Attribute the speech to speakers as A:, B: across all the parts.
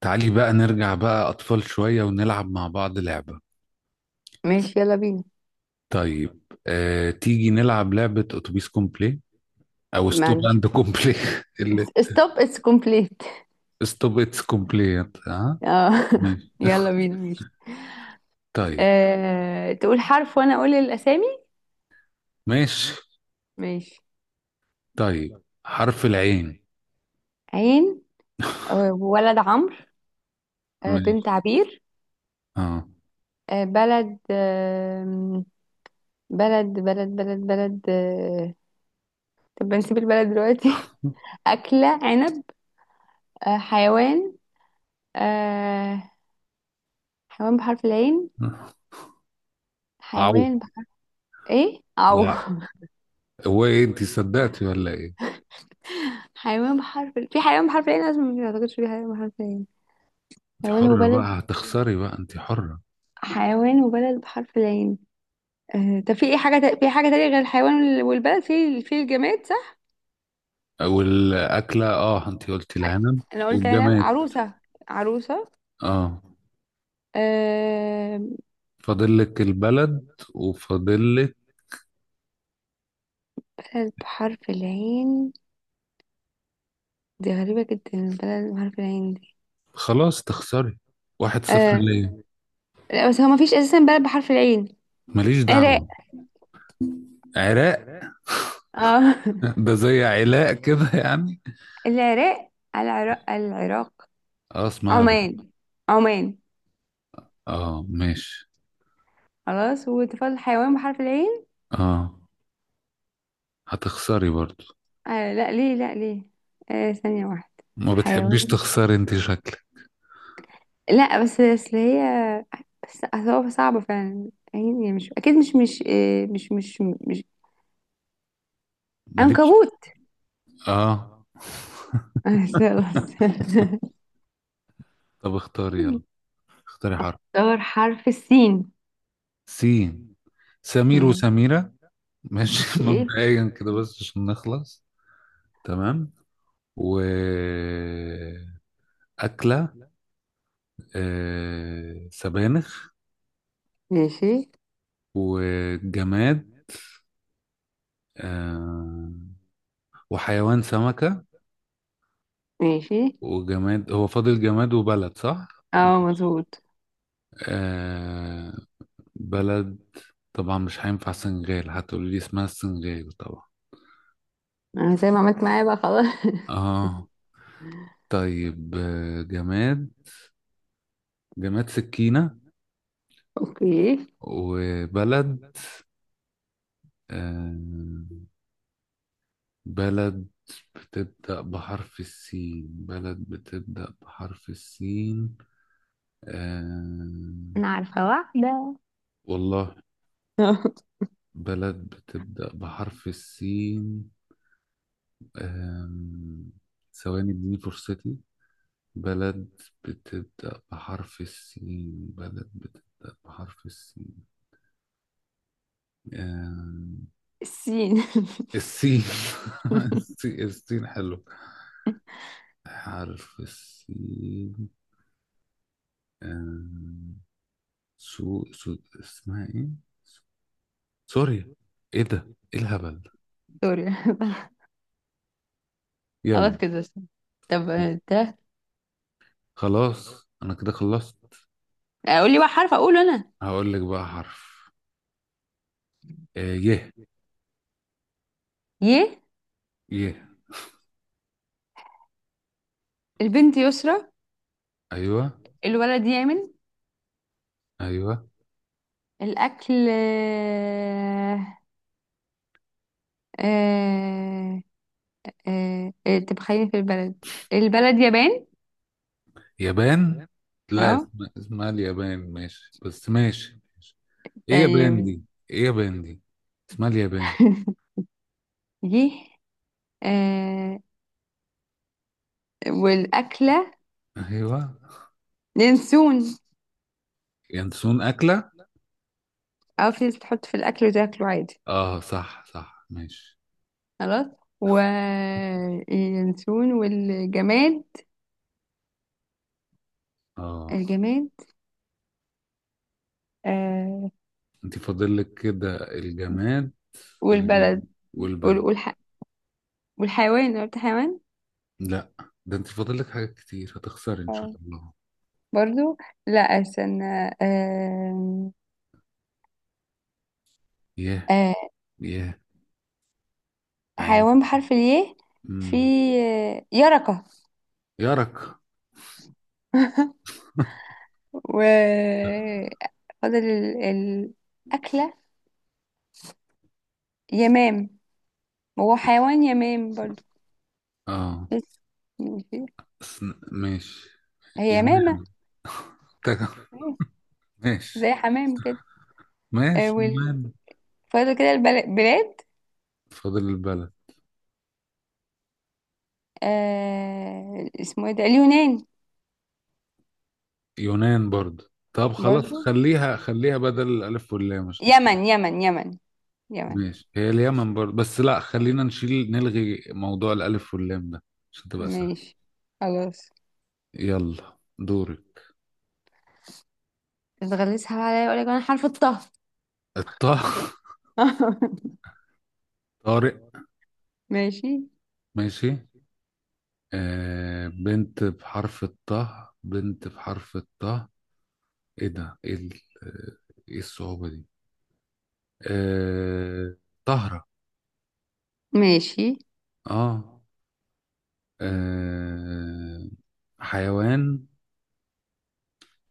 A: تعالي بقى نرجع بقى أطفال شوية ونلعب مع بعض لعبة.
B: ماشي يلا بينا.
A: طيب. تيجي نلعب لعبة أتوبيس كومبلي أو
B: ما
A: ستوب
B: عنديش.
A: أند كومبلي اللي
B: ستوب اتس كومبليت
A: ستوب إتس كومبلي ها.
B: اه.
A: ماشي.
B: يلا بينا ماشي.
A: طيب.
B: تقول حرف وانا اقول الاسامي.
A: ماشي.
B: ماشي.
A: طيب حرف العين.
B: عين. ولد عمرو.
A: ماشي.
B: بنت عبير.
A: اه
B: بلد. بلد. طب نسيب البلد دلوقتي. أكلة عنب. حيوان. آه، حيوان بحرف العين.
A: عو.
B: حيوان بحرف. ايه او
A: لا، هو ايه، انت صدقتي ولا ايه؟
B: حيوان بحرف في حيوان بحرف العين لازم، ما اعتقدش في حيوان بحرف العين.
A: انت
B: حيوان
A: حرة
B: وبلد.
A: بقى، هتخسري بقى، انت حرة.
B: حيوان وبلد بحرف العين. طب في ايه حاجة في حاجة تانية غير الحيوان والبلد في الجماد، صح؟
A: والأكلة اه، انت قلتي العنب.
B: انا قلت انا
A: والجماد
B: عروسة. عروسة.
A: اه.
B: أه.
A: فاضل لك البلد وفاضل لك.
B: بلد بحرف العين. دي غريبة جدا البلد بحرف العين دي.
A: خلاص تخسري. 1-0
B: أه.
A: ليا.
B: لا، بس هو مفيش اساسا بلد بحرف العين.
A: ماليش
B: عراق.
A: دعوة. عراق.
B: اه.
A: ده زي علاء كده يعني.
B: العراق، العراق، العراق.
A: اه اسمع.
B: عمان، عمان.
A: اه ماشي.
B: خلاص وتفضل حيوان بحرف العين.
A: اه هتخسري برضو.
B: أه، لا ليه، لا ليه. أه، ثانية واحدة.
A: ما بتحبيش
B: حيوان.
A: تخسري انت شكلك.
B: لا بس اصل هي. بس أصل هو صعبة فعلا، يعني مش اكيد، مش مش آه، مش مش مش
A: ماليش.
B: عنكبوت.
A: اه. طب اختاري يلا، اختاري حرف.
B: دور حرف السين.
A: سين. سمير
B: مم.
A: وسميرة. ماشي
B: اوكي.
A: مبدئيا كده بس عشان نخلص. تمام. و أكلة سبانخ.
B: ماشي،
A: وجماد آه. وحيوان سمكة.
B: ماشي.
A: وجماد، هو فاضل جماد وبلد صح؟
B: اه، مظبوط.
A: آه بلد. طبعا مش هينفع سنغال، هتقولي لي اسمها السنغال طبعا.
B: انا زي ما عملت معايا بقى خلاص.
A: اه. طيب جماد، جماد سكينة.
B: اوكي.
A: وبلد آه. بلد بتبدأ بحرف السين، بلد بتبدأ بحرف السين آه،
B: انا عارفة واحدة.
A: والله. بلد بتبدأ بحرف السين. أم... ثواني اديني فرصتي. بلد بتبدأ بحرف السين، بلد بتبدأ بحرف السين. أم...
B: السين.
A: السين. السين السين حلو. حرف السين. أم... سو... سو اسمها ايه، سوريا. ايه ده، ايه الهبل.
B: سوري.
A: يلا.
B: خلاص كده. طب. ده
A: خلاص انا كده خلصت.
B: اقول لي بقى حرف اقوله انا.
A: هقول لك بقى حرف. آه يه.
B: ي.
A: يه.
B: البنت يسرى.
A: ايوه.
B: الولد يامن.
A: ايوه.
B: الأكل. آه، طب خلينا في البلد. البلد يابان.
A: يابان. لا،
B: اه.
A: اسمها اليابان، ماشي بس ماشي ماشي. ايه يابان
B: طيب.
A: دي، ايه يابان دي، اسمها اليابان.
B: يه. آه، والأكلة.
A: ايوه.
B: ينسون.
A: ينسون اكله؟
B: اه، في ناس تحط في الأكل وتاكله عادي.
A: اه صح صح ماشي.
B: خلاص وينسون والجماد.
A: اه.
B: الجماد آه،
A: انت فاضل لك كده الجماد اللي بال...
B: والبلد. وال-
A: والبلد.
B: والح... والحيوان، قلت حيوان.
A: لا، ده انت فاضل لك حاجات كتير، هتخسري ان شاء
B: اه،
A: الله.
B: برضو. لا، استنى. آه...
A: ياه.
B: آه،
A: ياه. عيب.
B: حيوان بحرف الياء. في.
A: امم.
B: يركة.
A: يارك
B: و فاضل الأكلة. يمام. هو حيوان يمام برضو.
A: اه
B: بس، يعني.
A: سن- ماشي.
B: هي يمامة.
A: يمام
B: أيوة.
A: ماشي.
B: زي حمام كده. آه،
A: ماشي
B: وال-
A: يونان.
B: فاضل كده البلاد.
A: فاضل البلد.
B: اسمه ايه ده؟ اليونان.
A: يونان برضه، طب خلاص،
B: برضو.
A: خليها خليها بدل الألف واللام عشان كده.
B: يمن، يمن، يمن. يمن.
A: ماشي، هي اليمن برضه، بس لا، خلينا نشيل نلغي موضوع الألف واللام ده عشان تبقى سهل.
B: ماشي، خلاص.
A: يلا دوري.
B: بتغلسها بقى عليا، اقول لك انا حرف الطه.
A: الطه طارق.
B: ماشي
A: ماشي. بنت بحرف الطه، بنت بحرف الطه. ايه ده، ايه ال-، ايه الصعوبة دي. آه طهرة.
B: ماشي.
A: اه. آه، حيوان،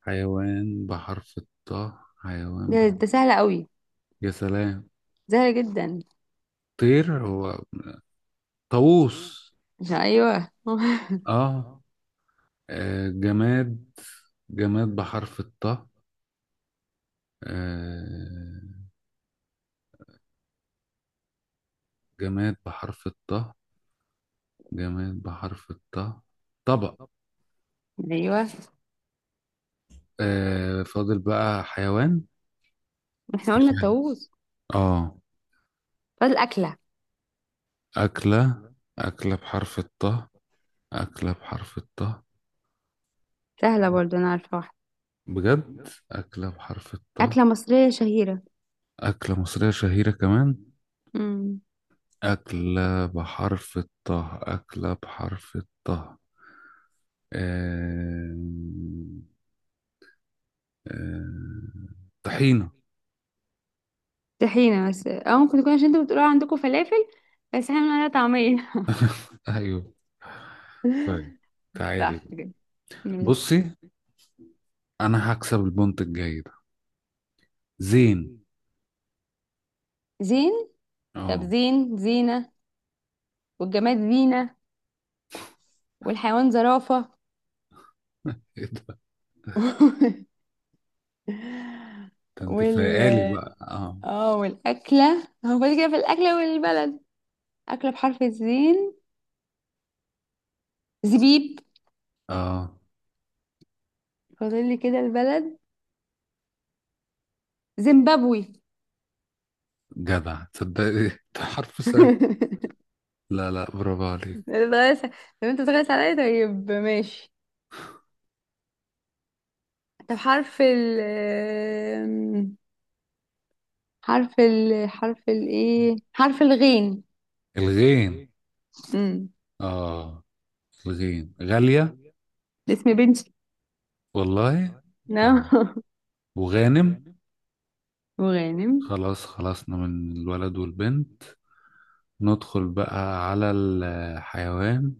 A: حيوان بحرف الطاء، حيوان
B: ده,
A: بحرف.
B: ده سهل قوي.
A: يا سلام.
B: زهقة جدا.
A: طير هو طاووس.
B: مش، ايوه
A: اه. جماد، جماد بحرف الطاء آه، جماد بحرف الطاء، جماد بحرف الطاء. طبق.
B: ايوه.
A: آه فاضل بقى حيوان.
B: احنا
A: مش
B: قلنا
A: عارف.
B: الطاووس.
A: اه.
B: فاضل اكله.
A: أكلة، أكلة بحرف الطاء، أكلة بحرف الطاء.
B: سهله برضو، انا عارفه واحده.
A: بجد أكلة بحرف الطاء.
B: اكله مصريه شهيره.
A: أكلة مصرية شهيرة كمان.
B: امم
A: أكلة بحرف الطه، أكلة بحرف الطه. آم، آم، طحينة.
B: طحينه، بس او ممكن تكون عشان انتوا بتقولوا عندكم فلافل. بس احنا بنقول عليها طعميه.
A: أيوه. طيب. تعالي
B: صح
A: بقى.
B: كده. ماشي.
A: بصي. أنا هكسب البونت الجاي ده. زين.
B: زين. طب
A: اه.
B: زين، زينه. والجماد زينه. والحيوان زرافه.
A: ايه ده، ده انت
B: وال
A: فايقالي بقى، اه
B: اه، والاكله هو فاضل كده، في الاكله والبلد. اكله بحرف الزين. زبيب.
A: اه.
B: فاضل لي كده البلد. زيمبابوي.
A: جدع تصدقي. ده حرف سهل. لا لا، برافو عليك.
B: بتغير طب. انت بتغير عليا، طيب ماشي. طب حرف ال. حرف ال حرف ال ايه حرف الغين.
A: الغين.
B: امم
A: اه. الغين غالية.
B: اسم بنتي.
A: والله. طيب.
B: نعم.
A: وغانم.
B: وغانم.
A: خلاص خلصنا من الولد والبنت. ندخل بقى على الحيوان.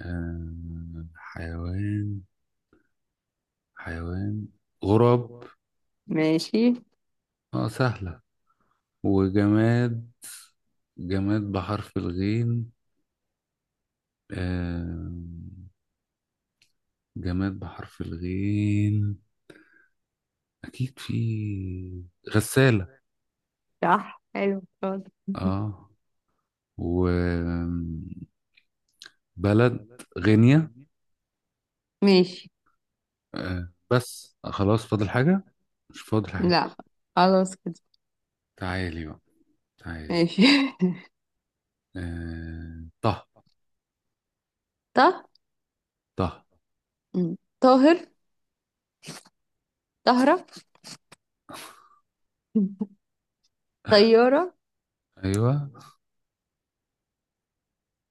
A: حيوان، حيوان غراب.
B: ماشي.
A: اه سهلة. وجماد، جماد بحرف الغين آه، جماد بحرف الغين. أكيد في. غسالة.
B: صح، حلو، شاطر.
A: اه. وبلد. غينيا.
B: ماشي.
A: بس خلاص، فاضل حاجة؟ مش فاضل حاجة.
B: لا، خلاص كده.
A: تعالي بقى. تعالي.
B: ماشي.
A: طه.
B: طه.
A: طه.
B: مم. طاهر. طهرة. طيارة.
A: ايوه.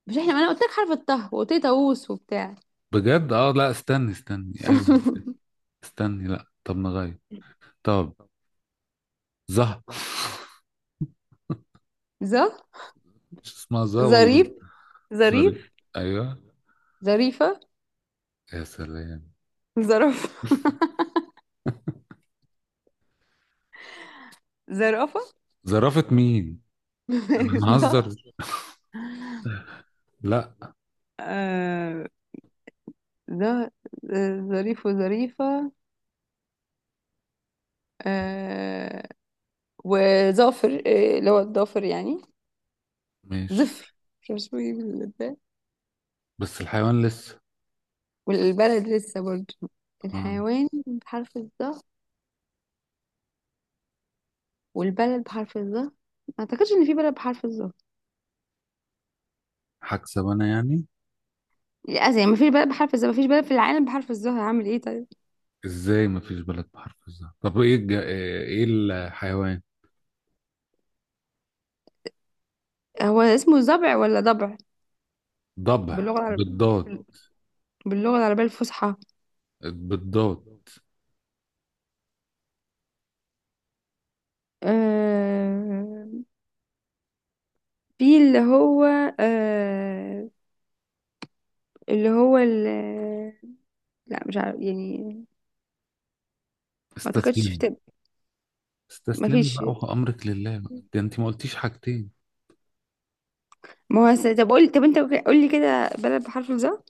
B: مش احنا، ما انا قلت لك حرف الطه، وقلت لي طاووس وبتاع.
A: بجد اه، لا استني استني ايوه. استني، لا، طب نغير. طب. زه
B: ظ.
A: مش اسمها زه والله.
B: ظريف،
A: سوري.
B: ظريف.
A: ايوه.
B: ظريفة.
A: يا سلام.
B: ظرف. زرافة.
A: زرافة مين. انا
B: ده
A: مهزر. لا.
B: آه ده آه، ظريف وظريفة. آه وظافر، اللي هو الظافر يعني.
A: ماشي
B: زفر. مش عارفة اسمه ايه بالبلد.
A: بس الحيوان لسه.
B: والبلد لسه برضه.
A: اه
B: الحيوان بحرف الظا. والبلد بحرف الظا، ما اعتقدش ان في بلد بحرف الظا.
A: هكسب انا يعني.
B: لا يعني، ما فيش بلد بحرف الظا، ما فيش بلد في العالم بحرف الظا، هعمل ايه طيب.
A: ازاي مفيش بلد بحرف الزه، طب ايه الج...، ايه الحيوان.
B: هو اسمه ضبع ولا ضبع؟
A: ضبع
B: باللغة العربية.
A: بالضاد.
B: باللغة العربية الفصحى.
A: بالضاد.
B: آه... في اللي هو. آه... اللي هو. لا، مش عارف يعني. ما اعتقدش في
A: استسلم.
B: تب... ما
A: استسلمي
B: فيش.
A: بقى وأمرك لله بقى، ده انت ما قلتيش حاجتين.
B: ما هو طب قول، طب انت قول لي كده بلد بحرف الظا.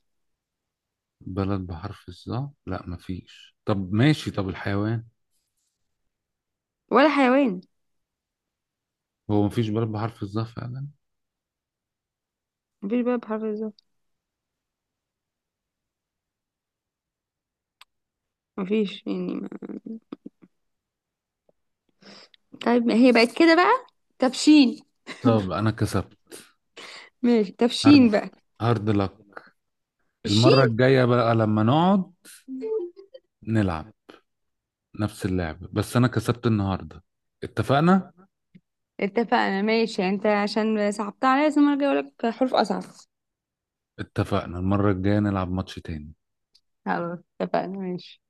A: بلد بحرف الظا، لا مفيش، طب ماشي طب الحيوان.
B: ولا حيوان.
A: هو مفيش بلد بحرف الظا فعلا.
B: ما فيش بلد بحرف الظا. ما فيش يعني ما... طيب ما هي بقت كده بقى. تبشين.
A: طب انا كسبت.
B: ماشي تبشين
A: هارد.
B: بقى.
A: هارد لك. المرة
B: الشين.
A: الجاية بقى لما نقعد نلعب نفس اللعبة، بس انا كسبت النهاردة. اتفقنا.
B: اتفقنا ماشي، انت عشان صعبتها عليا، بس المرة الجاية اقول لك حروف اصعب.
A: اتفقنا المرة الجاية نلعب ماتش تاني.
B: خلاص اتفقنا ماشي.